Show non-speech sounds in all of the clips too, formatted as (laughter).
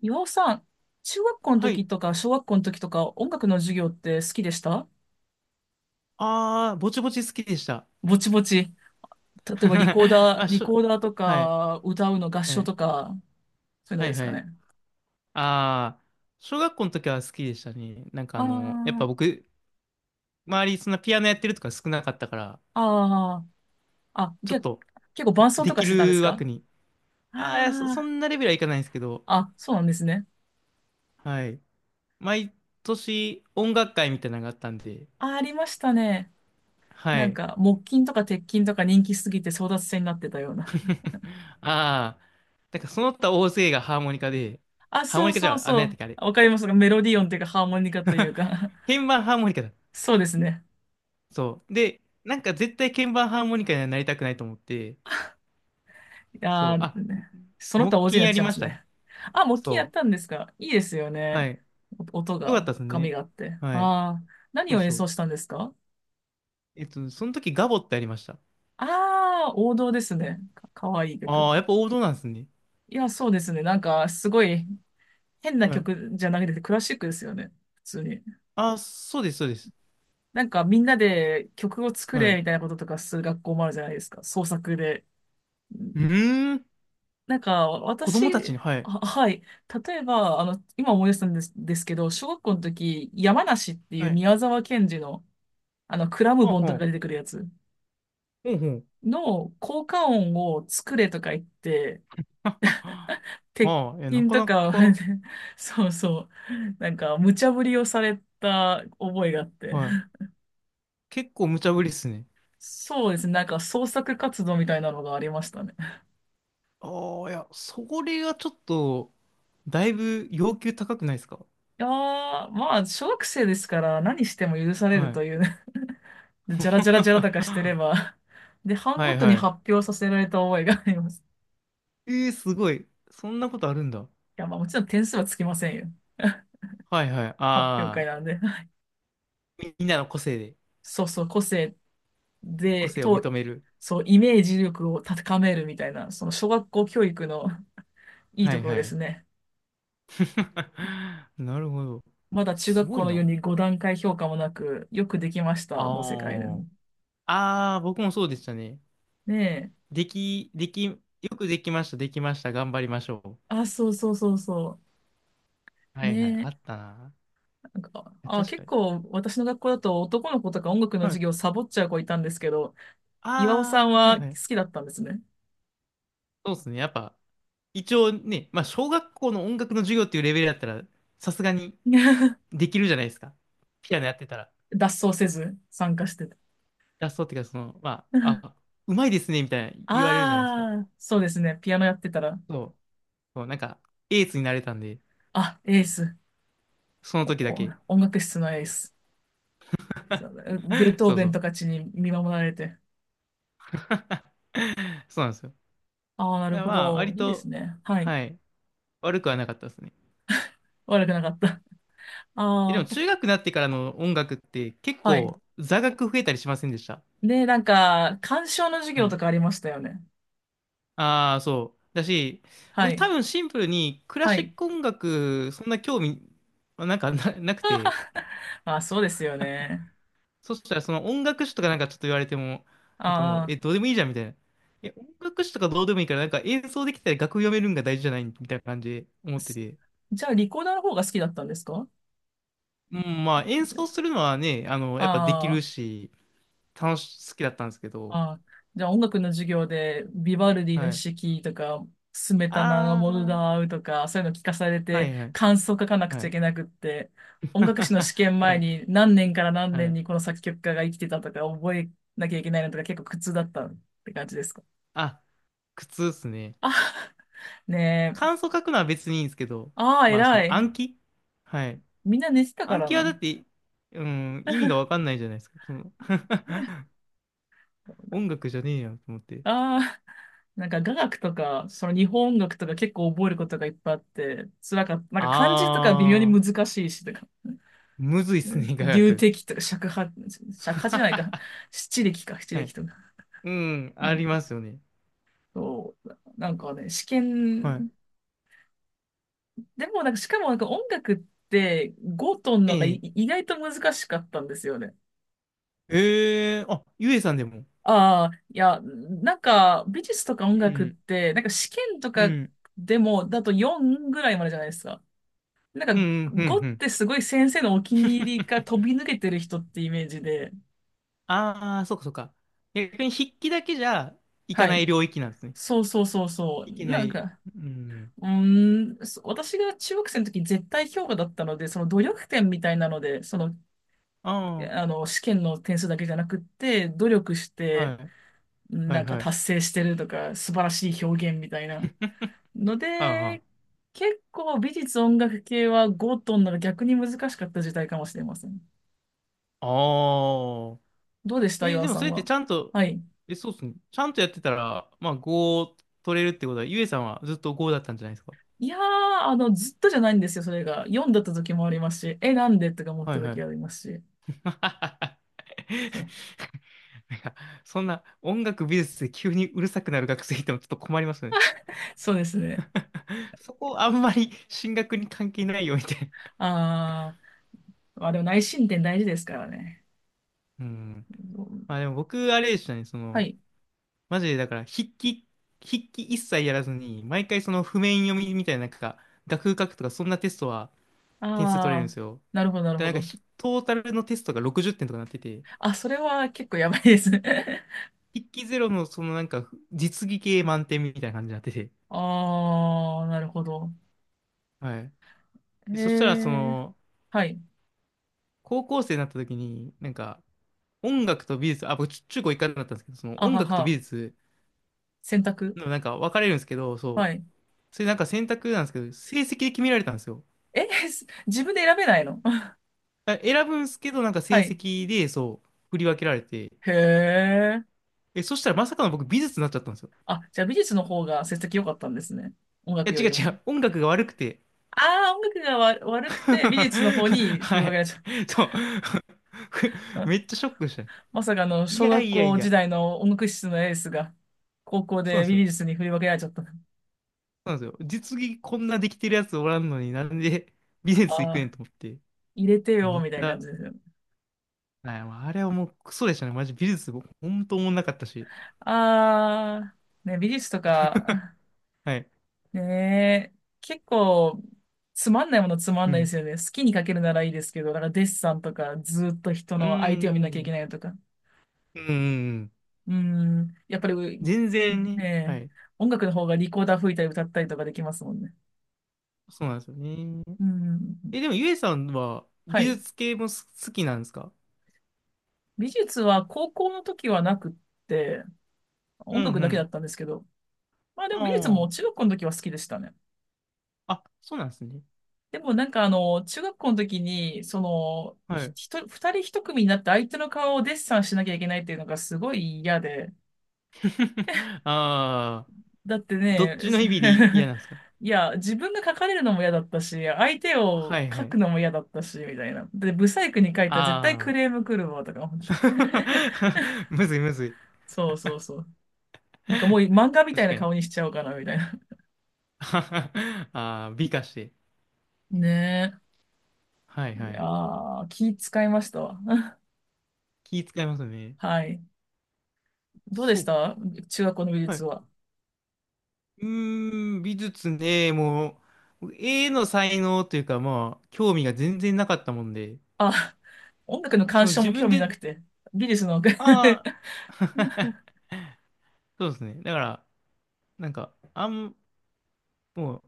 岩尾さん、中学校のはい。時とか小学校の時とか音楽の授業って好きでした？ああ、ぼちぼち好きでした。ぼちぼち。例えばリコー (laughs) ダあ、ー、リコーダーとはい。か歌うの合は唱い。とか、そういうのはでいすはかい。ね。ああ、小学校の時は好きでしたね。なんかあやっー、ぱ僕、周りそんなピアノやってるとか少なかったから、あー、あ、ちょっと結構伴奏でとかきしてたんでする枠か？に。ああ、いやそあんなレベルはいかないんですけど、あー、あ、そうなんですね。はい。毎年音楽会みたいなのがあったんで、あ、ありましたね。はなんい。か木琴とか鉄琴とか人気すぎて争奪戦になってたような。(laughs) ああ、なんかその他大勢がハーモニカで、あ、ハーモそうニカじゃそうあ、あ、何そやったっう。けあれ。わかりますか？メロディオンというかハーモニカという (laughs) か。鍵盤ハーモニカだ。(laughs) そうですね。そう。で、なんか絶対鍵盤ハーモニカにはなりたくないと思って、そあう。あ、ー、その他木大勢琴になっやちりゃいまましすたね。ね。あ、木琴やっそたんですか？いいですよう。はね。い。音よかっが、たです深みね。があって。はい。ああ、何そうを演そう。奏したんですか？その時ガボってありました。ああー、王道ですね。かわいい曲。ああ、やっぱ王道なんですね。いや、そうですね。なんか、すごい変なはい。曲じゃなくてクラシックですよね。普通に。ああ、そうです、そうです。なんか、みんなで曲を作はい。れうみたいなこととかする学校もあるじゃないですか。創作で。ーん。なんか、子供たち私、に、はい。はい。例えば、今思い出したんですけど、小学校の時、山梨っていはうい。宮沢賢治の、クラムはボあ、ンとかはが出てあ。くるやつほうほう。の効果音を作れとか言って、はは鉄はあ、いや、な筋かとなか、か、(laughs) そうそう、なんか、無茶ぶりをされた覚えがあって。はい。結構無茶ぶりっすね。そうですね。なんか、創作活動みたいなのがありましたね。ああ、いや、それがちょっと、だいぶ要求高くないですか？いやー、まあ、小学生ですから何しても許されるはとい。いうね。 (laughs) じゃらじゃらじゃらとか (laughs) して (laughs) れば。で、班はごいとにはい。発表させられた覚えがあります。えー、すごい。そんなことあるんだ。いや、まあ、もちろん点数はつきませんよ。(laughs) はいはい。あ発表会あ、なんで。みんなの個性で、そうそう、個性個で、性を認める。そう、イメージ力を高めるみたいな、その小学校教育のいいはといころはですい。ね。(laughs) なるほど。まだ中す学ご校いのような。に5段階評価もなく、よくできましあたの世界ですーね。僕もそうでしたね。ねえ。でき、でき、よくできました、できました、頑張りましょあ、そうそうそうそう。う。はいはい、ねあえ。ったな。なんか、あ、確結かに。構私の学校だと男の子とか音楽のは授い。業サボっちゃう子いたんですけど、岩尾さんああ、ははい好はい。きだったんですね。そうですね。やっぱ、一応ね、まあ、小学校の音楽の授業っていうレベルだったら、さすがに、(laughs) できるじゃないですか。ピアノやってたら。脱走せず参加してた。ラストっていうか、その、まあ、あ、(laughs) うまいですね、みたいな言われるじゃないですか。ああ、そうですね。ピアノやってたら、そう。そう、なんか、エースになれたんで、あ、エース。そのお時だおけ。音楽室のエース。そうだ、ベー (laughs) トーそうベそンとう。かちに見守られて。そうなんですよ。ああ、なだるからほまあ、ど。割いいですと、ね。はい。はい、悪くはなかったですね。悪くなかった。(laughs) え、でもああ、中学になってからの音楽って結はい。構座学増えたりしませんでした？で、なんか、鑑賞の授は業とい。かありましたよね。ああ、そう。だし、は僕い。多分シンプルにクラはシい。ック音楽、そんな興味、まあなんかな、なくて、(laughs) あ、そうですよね。そしたらその音楽史とかなんかちょっと言われても、なんかもう、あえ、どうでもいいじゃんみたいな。え、音楽史とかどうでもいいから、なんか演奏できたら楽譜読めるんが大事じゃないみたいな感じで思あ、ってて。じゃあリコーダーの方が好きだったんですか？うん、まあ演奏するのはね、あの、やっぱできあるし、好きだったんですけあ、ど、ああ、じゃあ音楽の授業でビバルディはのい。四季とか、スメタナのあモルー、ダーウとか、そういうの聞かされはていはい、感想書かなくはちゃいい。けなくって、音楽史の試験 (laughs) は前い、に何年から何は年い。にこの作曲家が生きてたとか覚えなきゃいけないのとか結構苦痛だったって感じですか？あ、苦痛っすね。あ、(laughs) ねえ。感想書くのは別にいいんですけど、ああ、まあそ偉のい。暗記はい。みんな寝てたか暗ら記はだな。って、うん、意味がわかんないじゃないですか。その (laughs) 音 (laughs) 楽じゃねえやと思って。ああ、(laughs) なんか雅楽とか、その日本音楽とか結構覚えることがいっぱいあって、辛かった。なんか漢字とか微妙にあ難しいし、とか、ー、むずい (laughs) っすねね、雅流楽。笛とか尺八、尺八じゃないか、(laughs) 七力か、七は力い。とか。うん、うありん、ますよね。そう、なんかね、試はい。験、でもなんか、しかもなんか音楽って5トンのがいええ意外と難しかったんですよね。えゆえさんでも。ああ、いや、なんか美術とか音う楽っん、て、なんか試験とうかん、でもだと4ぐらいまでじゃないですか。なうんか、ん、う語ん、うっん。てすごい先生のお気に入りが飛び抜けてる人ってイメージで、あー、そうか、そうか。逆に筆記だけじゃいかはない。い領域なんですね。そうそうそうそう。いけななんい。か、うん。うーん、私が中学生の時絶対評価だったので、その努力点みたいなので、その、あ試験の点数だけじゃなくって、努力しー、はて、い、はない、んかはい。達成してるとか、素晴らしい表現みたいな。のあいあで、ー。結構美術音楽系は語とんなら逆に難しかった時代かもしれません。あーどうでしたえ、岩尾でもさそんれっては？ちゃんと、はい。え、そうっすね。ちゃんとやってたら、まあ5を取れるってことは、ゆえさんはずっと5だったんじゃないですか？いやー、ずっとじゃないんですよ、それが。読んだった時もありますし、なんでとか思っはたいは時い。ありますし。(laughs) なそう、んかそんな音楽美術で急にうるさくなる学生いてもちょっと困りますよね。そうですね。そこあんまり進学に関係ないよみたいあー、まあでも内申点大事ですからね。な。(laughs) うん。うん、まあでも僕、あれでしたね、そはの、い。マジでだから筆記一切やらずに、毎回その譜面読みみたいな、なんか、楽譜書くとかそんなテストは点数取れるんあでー、すよ。なるほど、なるで、ほなんかど。トータルのテストが60点とかなってて、あ、それは結構やばいですね。(laughs) 筆記ゼロのそのなんか実技系満点みたいな感じになってて、あー、なるほど。はい。えでそしたらそー、の、はい。高校生になった時に、なんか音楽と美術、あ、僕中高一貫だったんですけど、そのあ音は楽と美は。術選択。のなんか分かれるんですけど、そはう。い。それなんか選択なんですけど、成績で決められたんですよ。え、(laughs) 自分で選べないの？ あ選ぶんですけど、なんか (laughs) は成い。績で、そう、振り分けられて、へー。え、そしたらまさかの僕美術になっちゃったんですよ。あ、じゃあ美術の方が成績良かったんですね。音いや、楽よ違うり違も。う、音楽が悪くて。ああ、音楽が悪く (laughs) て、美術の方に振はり分けらい。れちゃっそう。た。(laughs) (laughs) うん、めっちゃショックした。まさかのい小や学いやい校時や、代の音楽室のエースが、高校そうなんでです美よ。そ術に振り分けられちゃった。うなんですよ。実技こんなできてるやつおらんのになんで (laughs) 美術行あくねんあ、と思って。入れてめよ、っみたちいな感ゃ、じですよ。はいもうあれはもうクソでしたね。マジ美術、ほんと思んなかったし。ああ、ね、美術とか、はい。(laughs) ねえ、結構、つまんないものつまんうないでん。すよね。好きに描けるならいいですけど、だからデッサンとか、ずっと人うーの相手を見なきゃいけん。ないのとか。うーん。うん、やっぱり、全然ね。ねえ、はい。音楽の方がリコーダー吹いたり歌ったりとかできますもんね。そうなんですよね。うん。え、でもゆえさんはは美い。術系も好きなんですか？美術は高校の時はなくって、う音んう楽だけだん。ったんですけど、まあでもあ美術も中学校の時は好きでしたね。あ。あ、そうなんですね。でもなんか中学校の時に、その、はひい。ひと、二人一組になって相手の顔をデッサンしなきゃいけないっていうのがすごい嫌で。(laughs) ああ。だってどっね、ちの意味で嫌 (laughs) なんですか？いや、自分が描かれるのも嫌だったし、相手をはいは描くい。のも嫌だったし、みたいな。で、ブサイクに描いたら絶対あクあ。レーム来るわ、とか思って。(laughs) (laughs) むずいむずい。そうそうそう。なんかもう漫画みた確いなかに。顔にしちゃおうかな、みたいな。(laughs) (laughs) ああ、美化して。ねはいえ。いはやい。ー、気使いましたわ。気使いますね。(laughs) はい。どうでそしう。た中学校の美は術い。は？うーん、美術ね、もう、絵の才能というか、まあ、興味が全然なかったもんで、あ、音楽のそ鑑の賞自も興分味なで、くて。美術の。あ (laughs) あ、(laughs) そうですね。だから、なんか、もう、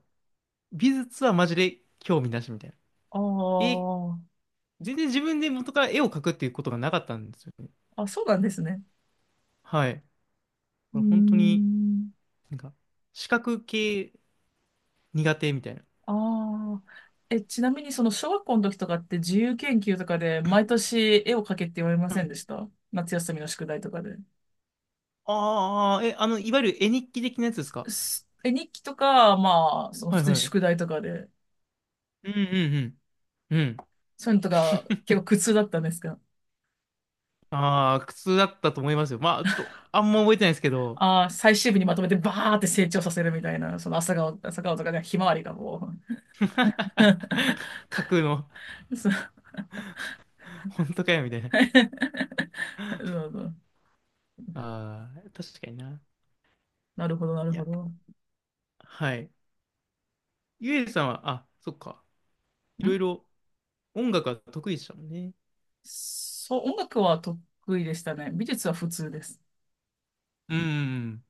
美術はマジで興味なしみたいな。あ絵、ー、全然自分で元から絵を描くっていうことがなかったんですよね。あ、そうなんですね。はい。こうーれ本当に、ん。なんか、視覚系苦手みたいな。ああ。え、ちなみにその小学校の時とかって自由研究とかで毎年絵を描けって言われまはせんい。でした？夏休みの宿題とかで。ああ、え、あの、いわゆる絵日記的なやつですか？え、日記とか、まあ、そのは普い通はにい。うん宿題とかで。うんうん。うん。そういうのとか結構苦痛だったんですが、ああ、苦痛だったと思いますよ。まあ、ちょっと、あんま覚えてないですけど、ああ、最終日にまとめてバーって成長させるみたいな、その朝顔とかね、ひまわりがも (laughs) 書くの、う (laughs) そう (laughs) 本当かよ、みたいな。そうそうああ、確かにな。なるほど、なるいほや、ど。はい。ゆえさんは、あ、そっか。いろいんろ音楽は得意でしたもんね。そう、音楽は得意でしたね。美術は普通です。うんうんうん。